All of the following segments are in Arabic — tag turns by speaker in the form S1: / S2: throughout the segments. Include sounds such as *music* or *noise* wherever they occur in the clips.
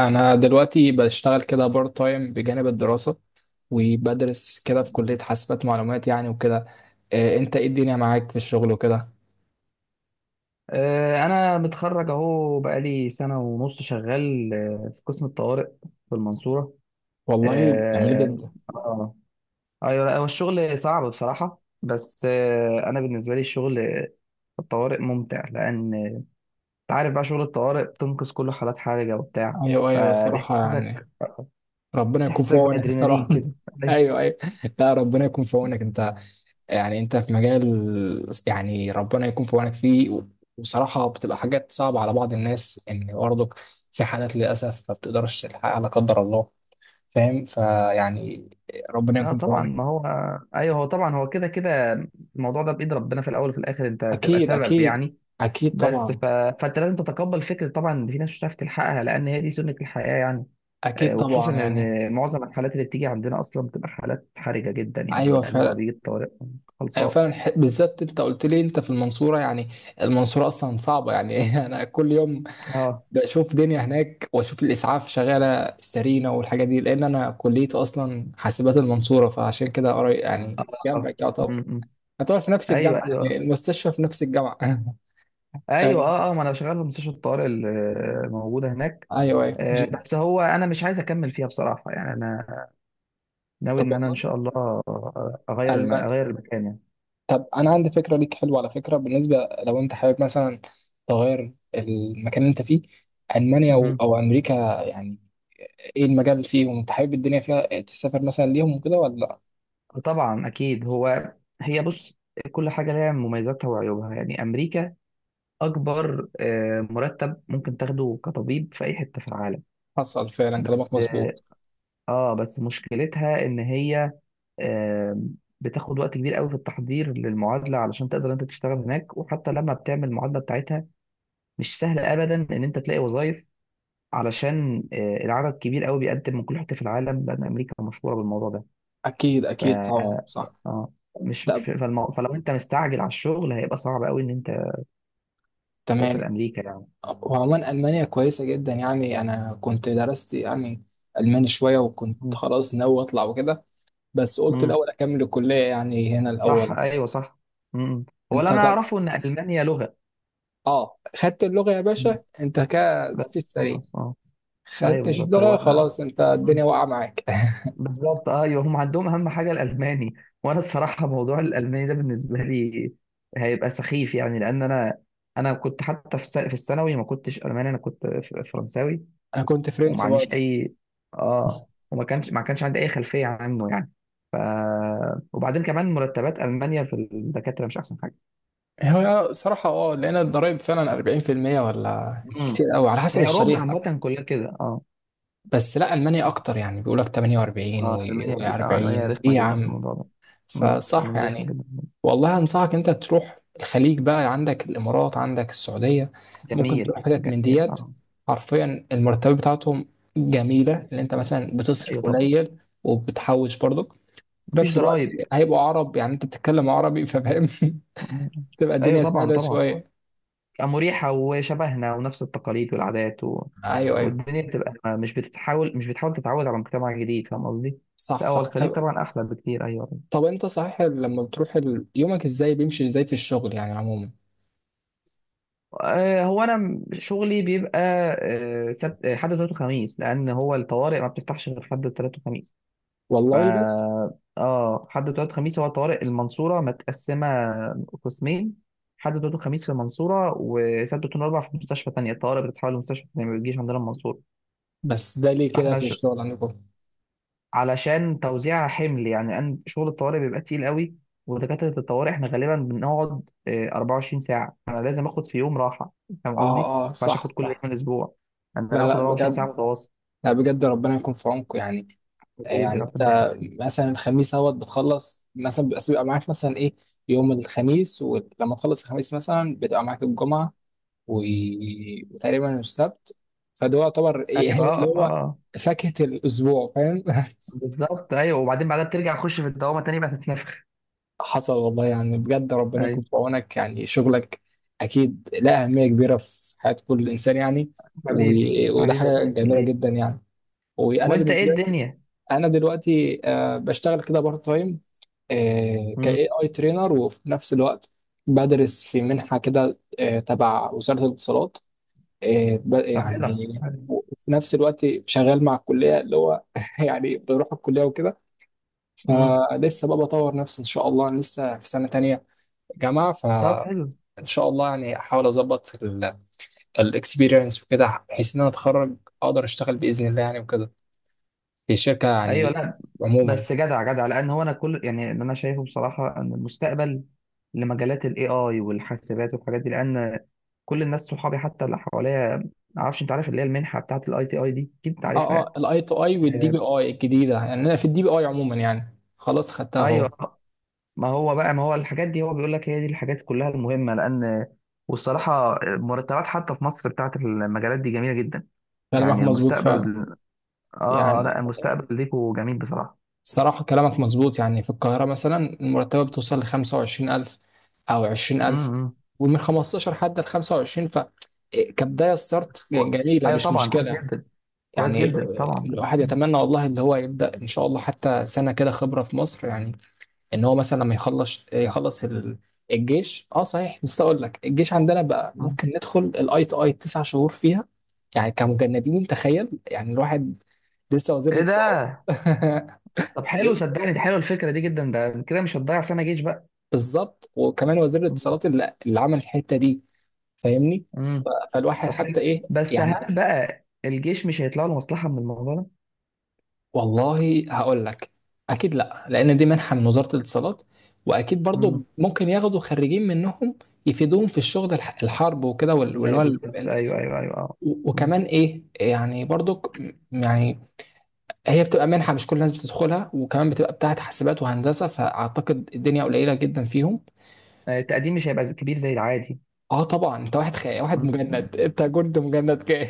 S1: انا دلوقتي بشتغل كده بارت تايم بجانب الدراسة، وبدرس كده في كلية حاسبات معلومات يعني وكده. إيه انت، ايه الدنيا معاك في الشغل وكده؟
S2: انا متخرج اهو بقالي سنه ونص شغال في قسم الطوارئ في المنصوره.
S1: والله جميل، تمام
S2: اه.
S1: جدا.
S2: آه. ايوه، لا هو الشغل صعب بصراحه، بس انا بالنسبه لي الشغل في الطوارئ ممتع، لان انت عارف بقى شغل الطوارئ بتنقذ كل حالات حرجه وبتاع،
S1: ايوه، ايوه، الصراحة يعني.
S2: فبيحسسك
S1: ربنا يكون في
S2: بيحسسك
S1: عونك الصراحة.
S2: بادرينالين كده.
S1: *laughs*
S2: أيوة.
S1: ايوه، ايوه. لا، ربنا يكون في عونك انت، يعني انت في مجال، يعني ربنا يكون في عونك فيه. وصراحة بتبقى حاجات صعبة على بعض الناس، ان برضك في حالات للأسف ما بتقدرش تلحقها لا قدر الله، فاهم فيعني، ربنا
S2: اه
S1: يكون في
S2: طبعا
S1: عونك.
S2: ما هو، ايوه هو طبعا هو كده كده الموضوع ده بايد ربنا في الاول وفي الاخر، انت بتبقى
S1: اكيد،
S2: سبب
S1: اكيد،
S2: يعني.
S1: اكيد
S2: بس
S1: طبعا،
S2: ف... فانت لازم تتقبل فكره طبعا ان في ناس مش هتعرف تلحقها، لان هي دي سنه الحياه يعني.
S1: اكيد
S2: وخصوصا
S1: طبعا يعني.
S2: ان معظم الحالات اللي بتيجي عندنا اصلا بتبقى حالات حرجه جدا يعني،
S1: ايوه
S2: لان هو
S1: فعلا،
S2: بيجي الطوارئ
S1: ايوه
S2: خلصان.
S1: فعلا، بالذات انت قلت لي انت في المنصوره يعني. المنصوره اصلا صعبه يعني. *laughs* انا كل يوم
S2: اه
S1: بشوف دنيا هناك واشوف الاسعاف شغاله سرينا والحاجات دي، لان انا كليتي اصلا حاسبات المنصوره فعشان كده قريب يعني
S2: اه آه.
S1: جنبك يعتبر،
S2: م- م.
S1: يعتبر في نفس
S2: ايوه
S1: الجامعه
S2: ايوه، آه.
S1: يعني المستشفى في نفس الجامعه. *laughs*
S2: ايوه
S1: آه،
S2: اه ما انا شغال في مستشفى الطوارئ الموجوده هناك.
S1: ايوه، ايوه،
S2: بس هو انا مش عايز اكمل فيها بصراحه يعني، انا ناوي
S1: طب
S2: ان انا ان شاء الله
S1: والله.
S2: اغير المكان يعني.
S1: طب انا عندي فكره ليك حلوه على فكره، بالنسبه لو انت حابب مثلا تغير المكان اللي انت فيه، المانيا او
S2: مهم.
S1: أو امريكا، يعني ايه المجال اللي فيهم انت حابب الدنيا فيها تسافر مثلا ليهم وكده ولا لا؟
S2: طبعا اكيد هو، هي بص، كل حاجه لها مميزاتها وعيوبها يعني. امريكا اكبر، مرتب ممكن تاخده كطبيب في اي حته في العالم،
S1: حصل فعلا كلامك
S2: بس
S1: مظبوط.
S2: بس مشكلتها ان هي آه، بتاخد وقت كبير قوي في التحضير للمعادله علشان تقدر انت تشتغل هناك، وحتى لما بتعمل المعادله بتاعتها مش سهل ابدا ان انت تلاقي وظائف، علشان العدد كبير قوي بيقدم من كل حته في العالم، لان امريكا مشهوره بالموضوع ده.
S1: اكيد، اكيد طبعا،
S2: ف
S1: صح.
S2: اه مش
S1: طب
S2: ف- فالمو... فلو انت مستعجل على الشغل هيبقى صعب قوي ان انت
S1: تمام.
S2: تسافر امريكا يعني.
S1: وعموما المانيا كويسه جدا يعني، انا كنت درست يعني الماني شويه وكنت
S2: مم.
S1: خلاص ناوي اطلع وكده، بس قلت
S2: مم.
S1: الاول اكمل الكليه يعني هنا
S2: صح
S1: الاول.
S2: ايوه صح. مم. هو اللي
S1: انت
S2: انا
S1: طب،
S2: اعرفه ان المانيا لغه.
S1: اه خدت اللغة يا
S2: مم.
S1: باشا انت كده في
S2: بس
S1: السريع،
S2: خلاص اه. ايوه
S1: خدتش
S2: بالظبط هو
S1: اللغة
S2: انا،
S1: خلاص انت
S2: مم،
S1: الدنيا واقعة معاك. *laughs*
S2: بالظبط ايوه هم عندهم اهم حاجه الالماني. وانا الصراحه موضوع الالماني ده بالنسبه لي هيبقى سخيف يعني، لان انا انا كنت حتى في الثانوي ما كنتش الماني، انا كنت فرنساوي.
S1: انا كنت
S2: وما
S1: فرنسي
S2: عنديش
S1: برضه.
S2: اي اه وما كانش ما كانش عندي اي خلفيه عنه يعني. ف... وبعدين كمان مرتبات المانيا في الدكاتره مش احسن حاجه.
S1: هو صراحة اه، لأن الضرايب فعلا 40% ولا
S2: امم.
S1: كتير أوي على حسب
S2: هي اوروبا
S1: الشريحة.
S2: عامه كلها كده اه.
S1: بس لا، ألمانيا أكتر يعني بيقولك 48
S2: اه المانيا،
S1: و40.
S2: اه المانيا
S1: إيه
S2: رخمه
S1: يا
S2: جدا في
S1: عم،
S2: الموضوع ده. امم،
S1: فصح
S2: المانيا رخمه
S1: يعني.
S2: جدا.
S1: والله انصحك انت تروح الخليج بقى، عندك الامارات، عندك السعوديه، ممكن تروح
S2: جميل
S1: حتت من
S2: جميل
S1: ديت.
S2: اه.
S1: حرفيا المرتبات بتاعتهم جميله، اللي انت مثلا
S2: ايوه
S1: بتصرف
S2: طبعا،
S1: قليل وبتحوش برضك في
S2: مفيش
S1: نفس الوقت.
S2: ضرايب.
S1: هيبقوا عرب يعني انت بتتكلم عربي ففاهم.
S2: مم.
S1: *laughs* تبقى
S2: ايوه
S1: الدنيا
S2: طبعا
S1: سهله
S2: طبعا،
S1: شويه.
S2: مريحة وشبهنا ونفس التقاليد والعادات و...
S1: ايوه، ايوه،
S2: والدنيا بتبقى مش بتحاول تتعود على مجتمع جديد، فاهم قصدي؟
S1: صح،
S2: لا هو
S1: صح.
S2: الخليج
S1: طب،
S2: طبعا أحلى بكتير. أيوه.
S1: طب انت صحيح لما بتروح يومك ازاي، بيمشي ازاي في الشغل يعني عموما؟
S2: هو أنا شغلي بيبقى سبت، حد وتلات وخميس، لأن هو الطوارئ ما بتفتحش غير حد وتلات وخميس. ف
S1: والله بس
S2: اه حد وتلات وخميس. هو طوارئ المنصورة متقسمة قسمين: حد وتلات وخميس في المنصورة، وسبت واتنين وأربع في مستشفى تانية. الطوارئ بتتحول لمستشفى تانية، ما بتجيش عندنا المنصورة.
S1: بس ده ليه كده
S2: فاحنا
S1: في الشغل عندكم؟
S2: علشان توزيع حمل يعني. شغل الطوارئ بيبقى تقيل قوي، ودكاترة الطوارئ احنا غالبا بنقعد 24 ساعة. أنا لازم آخد في يوم راحة، فاهم
S1: اه،
S2: قصدي؟
S1: اه،
S2: مش
S1: صح،
S2: آخد كل يوم
S1: صح.
S2: الأسبوع. أنا
S1: لا،
S2: أنا باخد
S1: لا،
S2: 24 ساعة
S1: بجد،
S2: متواصل.
S1: لا بجد ربنا يكون في عونكم يعني.
S2: حبيبي
S1: يعني انت
S2: ربنا يخليك.
S1: مثلا الخميس اهوت بتخلص مثلا، بس بيبقى معاك مثلا ايه يوم الخميس، ولما تخلص الخميس مثلا بتبقى معاك الجمعه و- وتقريبا السبت، فده يعتبر ايه
S2: أيوه
S1: *laughs*
S2: أه
S1: اللي
S2: أه آه.
S1: هو
S2: آه.
S1: فاكهه الاسبوع فاهم؟ *laughs*
S2: بالظبط أيوه، وبعدين بعدها بترجع تخش في الدوامة تاني بقى تتنفخ.
S1: حصل والله يعني، بجد ربنا يكون
S2: أيوه.
S1: في عونك يعني. شغلك اكيد له اهميه كبيره في حياه كل انسان يعني،
S2: حبيبي
S1: و- وده
S2: حبيبي
S1: حاجه
S2: ربنا
S1: جميله
S2: يخليك.
S1: جدا يعني. وانا
S2: وأنت إيه
S1: بالنسبه لي،
S2: الدنيا؟
S1: انا دلوقتي بشتغل كده بارت تايم
S2: مم.
S1: كاي اي ترينر، وفي نفس الوقت بدرس في منحه كده تبع وزاره الاتصالات،
S2: طب جدع.
S1: يعني وفي نفس الوقت شغال مع الكليه اللي هو، *laughs* يعني بروح الكليه وكده.
S2: امم.
S1: فلسه بقى بطور نفسي ان شاء الله. أنا لسه في سنه تانية جامعه،
S2: طب
S1: فان
S2: حلو.
S1: شاء الله يعني احاول اظبط الاكسبيرينس وكده بحيث ان انا اتخرج اقدر اشتغل باذن الله يعني وكده في شركه
S2: ايوه
S1: يعني
S2: لا
S1: عموما.
S2: بس جدع جدع، لان هو انا كل يعني اللي انا شايفه بصراحه ان المستقبل لمجالات الاي اي والحاسبات والحاجات دي. لان كل الناس صحابي حتى اللي حواليا، ما اعرفش انت عارف اللي هي المنحه بتاعه الاي تي اي دي، اكيد انت
S1: اه،
S2: عارفها يعني.
S1: اه، الاي تو اي والدي
S2: آه،
S1: بي اي الجديده يعني، انا في الدي بي اي عموما يعني خلاص خدتها اهو.
S2: ايوه. ما هو الحاجات دي هو بيقول لك هي دي الحاجات كلها المهمه، لان والصراحه مرتبات حتى في مصر بتاعه المجالات دي جميله جدا
S1: كلامك
S2: يعني.
S1: مظبوط فعلا
S2: المستقبل اه، لا
S1: يعني.
S2: المستقبل ليكوا جميل بصراحه.
S1: الصراحه كلامك مظبوط يعني، في القاهره مثلا المرتبه بتوصل ل 25000 او 20000،
S2: امم.
S1: ومن 15 حتى ل 25، ف إيه، كبدايه ستارت
S2: كو...
S1: جميله
S2: ايوه
S1: مش
S2: طبعا كويس
S1: مشكله.
S2: جدا، كويس
S1: يعني
S2: جدا طبعا.
S1: الواحد
S2: مم.
S1: يتمنى والله اللي هو يبدا ان شاء الله حتى سنه كده خبره في مصر يعني، ان هو مثلا لما يخلص، الجيش. اه صحيح، بس اقول لك الجيش عندنا بقى
S2: مم.
S1: ممكن ندخل الاي تي اي تسع شهور فيها، يعني كمجندين تخيل يعني الواحد لسه وزير
S2: ايه ده.
S1: الاتصالات. *laughs*
S2: طب حلو صدقني، دي حلوه الفكره دي جدا، ده كده مش هتضيع سنه جيش بقى.
S1: بالظبط وكمان وزير
S2: مم.
S1: الاتصالات اللي عمل الحته دي. فاهمني،
S2: مم.
S1: ف- فالواحد
S2: طب
S1: حتى
S2: حلو،
S1: ايه
S2: بس
S1: يعني.
S2: هل بقى الجيش مش هيطلع له مصلحة من الموضوع ده؟
S1: والله هقول لك، اكيد لا، لان دي منحه من وزاره الاتصالات. واكيد برضو
S2: مم.
S1: ممكن ياخدوا خريجين منهم يفيدوهم في الشغل الحرب وكده وال- واللي هو،
S2: ايوه بالظبط ايوه ايوه ايوه اه.
S1: و-
S2: مم.
S1: وكمان ايه يعني برضك يعني. هي بتبقى منحة مش كل الناس بتدخلها، وكمان بتبقى بتاعت حاسبات وهندسة، فأعتقد الدنيا قليلة جدا فيهم.
S2: التقديم مش هيبقى كبير زي العادي.
S1: اه طبعا، انت واحد واحد
S2: مم.
S1: مجند، انت كنت مجند كده.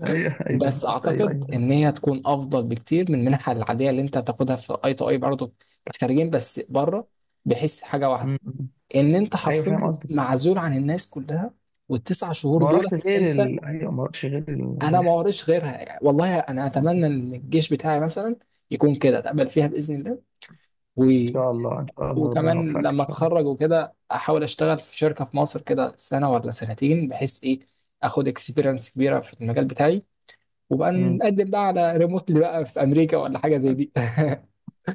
S2: ايوه *laughs* ايوه
S1: بس
S2: بالظبط ايوه
S1: اعتقد
S2: ايوه فاهم.
S1: ان هي تكون افضل بكتير من المنحة العادية اللي انت بتاخدها في اي تو اي برضه. خارجين بس بره، بحس حاجة واحدة،
S2: مم. مم.
S1: ان انت
S2: ايوه فاهم
S1: حرفيا
S2: قصدك.
S1: معزول عن الناس كلها، والتسع شهور
S2: ما
S1: دول
S2: وراكش غير
S1: انت.
S2: ال... ايوه ما وراكش غير
S1: انا ما
S2: المنحة.
S1: وريش غيرها يعني، والله انا
S2: مم. ان
S1: اتمنى ان الجيش بتاعي مثلا يكون كده اتقبل فيها باذن الله. و...
S2: شاء الله ان شاء الله ربنا
S1: وكمان
S2: يوفقك ان
S1: لما
S2: شاء الله.
S1: اتخرج وكده احاول اشتغل في شركه في مصر كده سنه ولا سنتين، بحيث ايه اخد اكسبيرينس كبيره في المجال بتاعي، وبقى
S2: مم.
S1: نقدم بقى على ريموتلي بقى في امريكا ولا حاجه زي دي.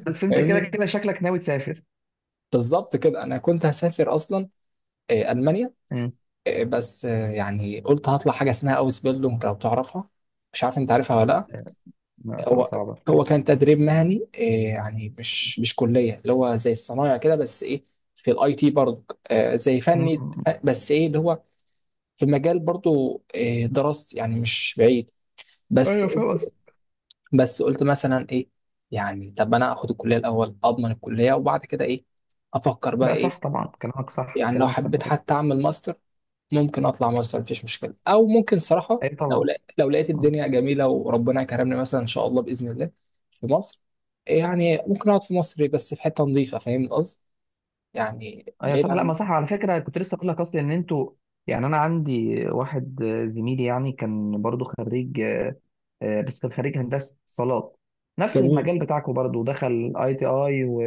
S2: بس انت كده
S1: فاهمني.
S2: كده شكلك ناوي تسافر.
S1: بالظبط كده انا كنت هسافر اصلا المانيا.
S2: مم.
S1: بس يعني قلت هطلع حاجه اسمها اوس بيلدونج لو تعرفها، مش عارف انت عارفها ولا لا.
S2: آه، لا تبقى
S1: هو
S2: صعبة
S1: هو
S2: شوية.
S1: كان تدريب مهني إيه يعني، مش كليه اللي هو زي الصنايع كده، بس ايه في الاي تي برضه آه زي فني.
S2: مم.
S1: بس ايه اللي هو في مجال برضه إيه دراستي يعني مش بعيد، بس.
S2: ايوه فاهم قصدك.
S1: بس قلت مثلا ايه، يعني طب انا اخد الكليه الاول اضمن الكليه، وبعد كده ايه افكر بقى
S2: لا
S1: ايه.
S2: صح طبعا، كلامك صح،
S1: يعني لو
S2: كلامك صح
S1: حبيت
S2: طبعا.
S1: حتى اعمل ماستر، ممكن اطلع ماستر مفيش مشكله، او ممكن صراحه
S2: ايوه طبعا.
S1: لو لقيت
S2: مم.
S1: الدنيا جميله وربنا كرمني مثلا ان شاء الله باذن الله في مصر يعني، ممكن اقعد في مصر بس في حته نظيفه فاهم القصد، يعني
S2: ايوه
S1: بعيد
S2: صح، لا ما
S1: عن.
S2: صح على فكره، كنت لسه اقول لك اصلا ان انتوا يعني. انا عندي واحد زميلي يعني، كان برضو خريج بس كان خريج هندسه اتصالات، نفس
S1: جميل.
S2: المجال بتاعكم برضو، دخل اي تي اي و...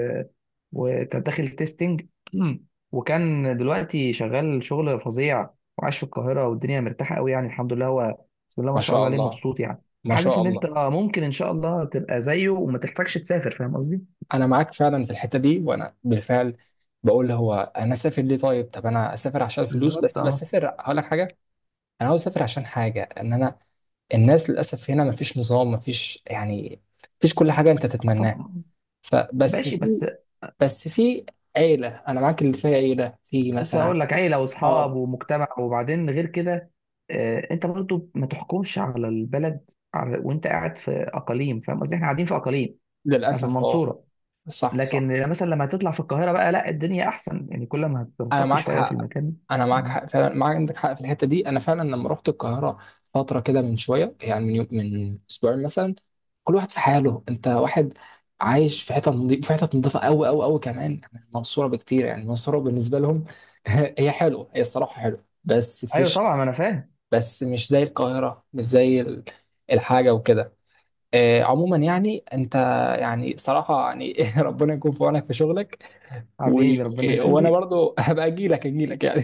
S2: وكان داخل تيستنج. *clears throat* وكان دلوقتي شغال شغل فظيع، وعايش في القاهره والدنيا مرتاحه قوي يعني، الحمد لله هو بسم الله ما
S1: ما
S2: شاء الله
S1: شاء
S2: عليه
S1: الله،
S2: مبسوط يعني.
S1: ما
S2: حاسس
S1: شاء
S2: ان انت
S1: الله.
S2: ممكن ان شاء الله تبقى زيه وما تحتاجش تسافر، فاهم قصدي.
S1: انا معاك فعلا في الحته دي، وانا بالفعل بقول هو انا اسافر ليه؟ طيب، طب انا اسافر عشان الفلوس،
S2: بالظبط
S1: بس
S2: اه.
S1: بسافر هقول لك حاجه، انا عاوز اسافر عشان حاجه ان انا، الناس للاسف هنا مفيش نظام، مفيش يعني مفيش كل حاجه انت تتمناها.
S2: طبعا.
S1: فبس
S2: ماشي
S1: في
S2: بس.
S1: بس في عيلة، أنا معاك اللي فيها عيلة في
S2: لسه
S1: مثلا،
S2: هقول لك، عيله
S1: اه
S2: واصحاب ومجتمع، وبعدين غير كده انت برضو ما تحكمش على البلد على وانت قاعد في اقاليم، فاهم قصدي، احنا قاعدين في اقاليم، احنا في
S1: للأسف اه،
S2: المنصوره.
S1: صح، صح.
S2: لكن مثلا لما تطلع في القاهره بقى، لا الدنيا احسن يعني، كل ما
S1: أنا
S2: هترتقي
S1: معاك
S2: شويه في
S1: حق
S2: المكان.
S1: أنا معاك
S2: مم.
S1: حق فعلا معاك، عندك حق في الحتة دي، أنا فعلا لما رحت القاهرة فترة كده من شوية، يعني من يوم، من أسبوعين مثلا، كل واحد في حاله، أنت واحد عايش في حتة نظيفة، في حتة نظيفة أوي أوي أوي كمان عن المنصورة بكتير يعني، المنصورة بالنسبة لهم، *laughs* هي حلوة، هي الصراحة حلوة بس
S2: ايوه
S1: فيش،
S2: طبعا ما انا فاهم.
S1: بس مش زي القاهرة، مش زي الحاجة وكده. عموما يعني انت، يعني صراحة يعني، *laughs* ربنا يكون في عونك في شغلك. و...
S2: حبيبي ربنا
S1: وانا
S2: يخليك.
S1: برضو، *laughs* هبقى اجي لك، اجي لك يعني.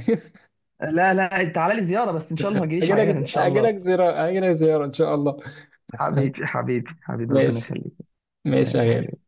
S2: لا لا تعالى لي زياره، بس ان شاء الله ما
S1: *laughs*
S2: تجيليش
S1: اجي لك،
S2: عيان ان شاء
S1: اجي
S2: الله.
S1: لك زيارة، اجي لك زيارة ان شاء الله.
S2: حبيبي حبيبي حبيبي ربنا
S1: ماشي،
S2: يخليك.
S1: ماشي يا
S2: ماشي حبيبي.
S1: غالي.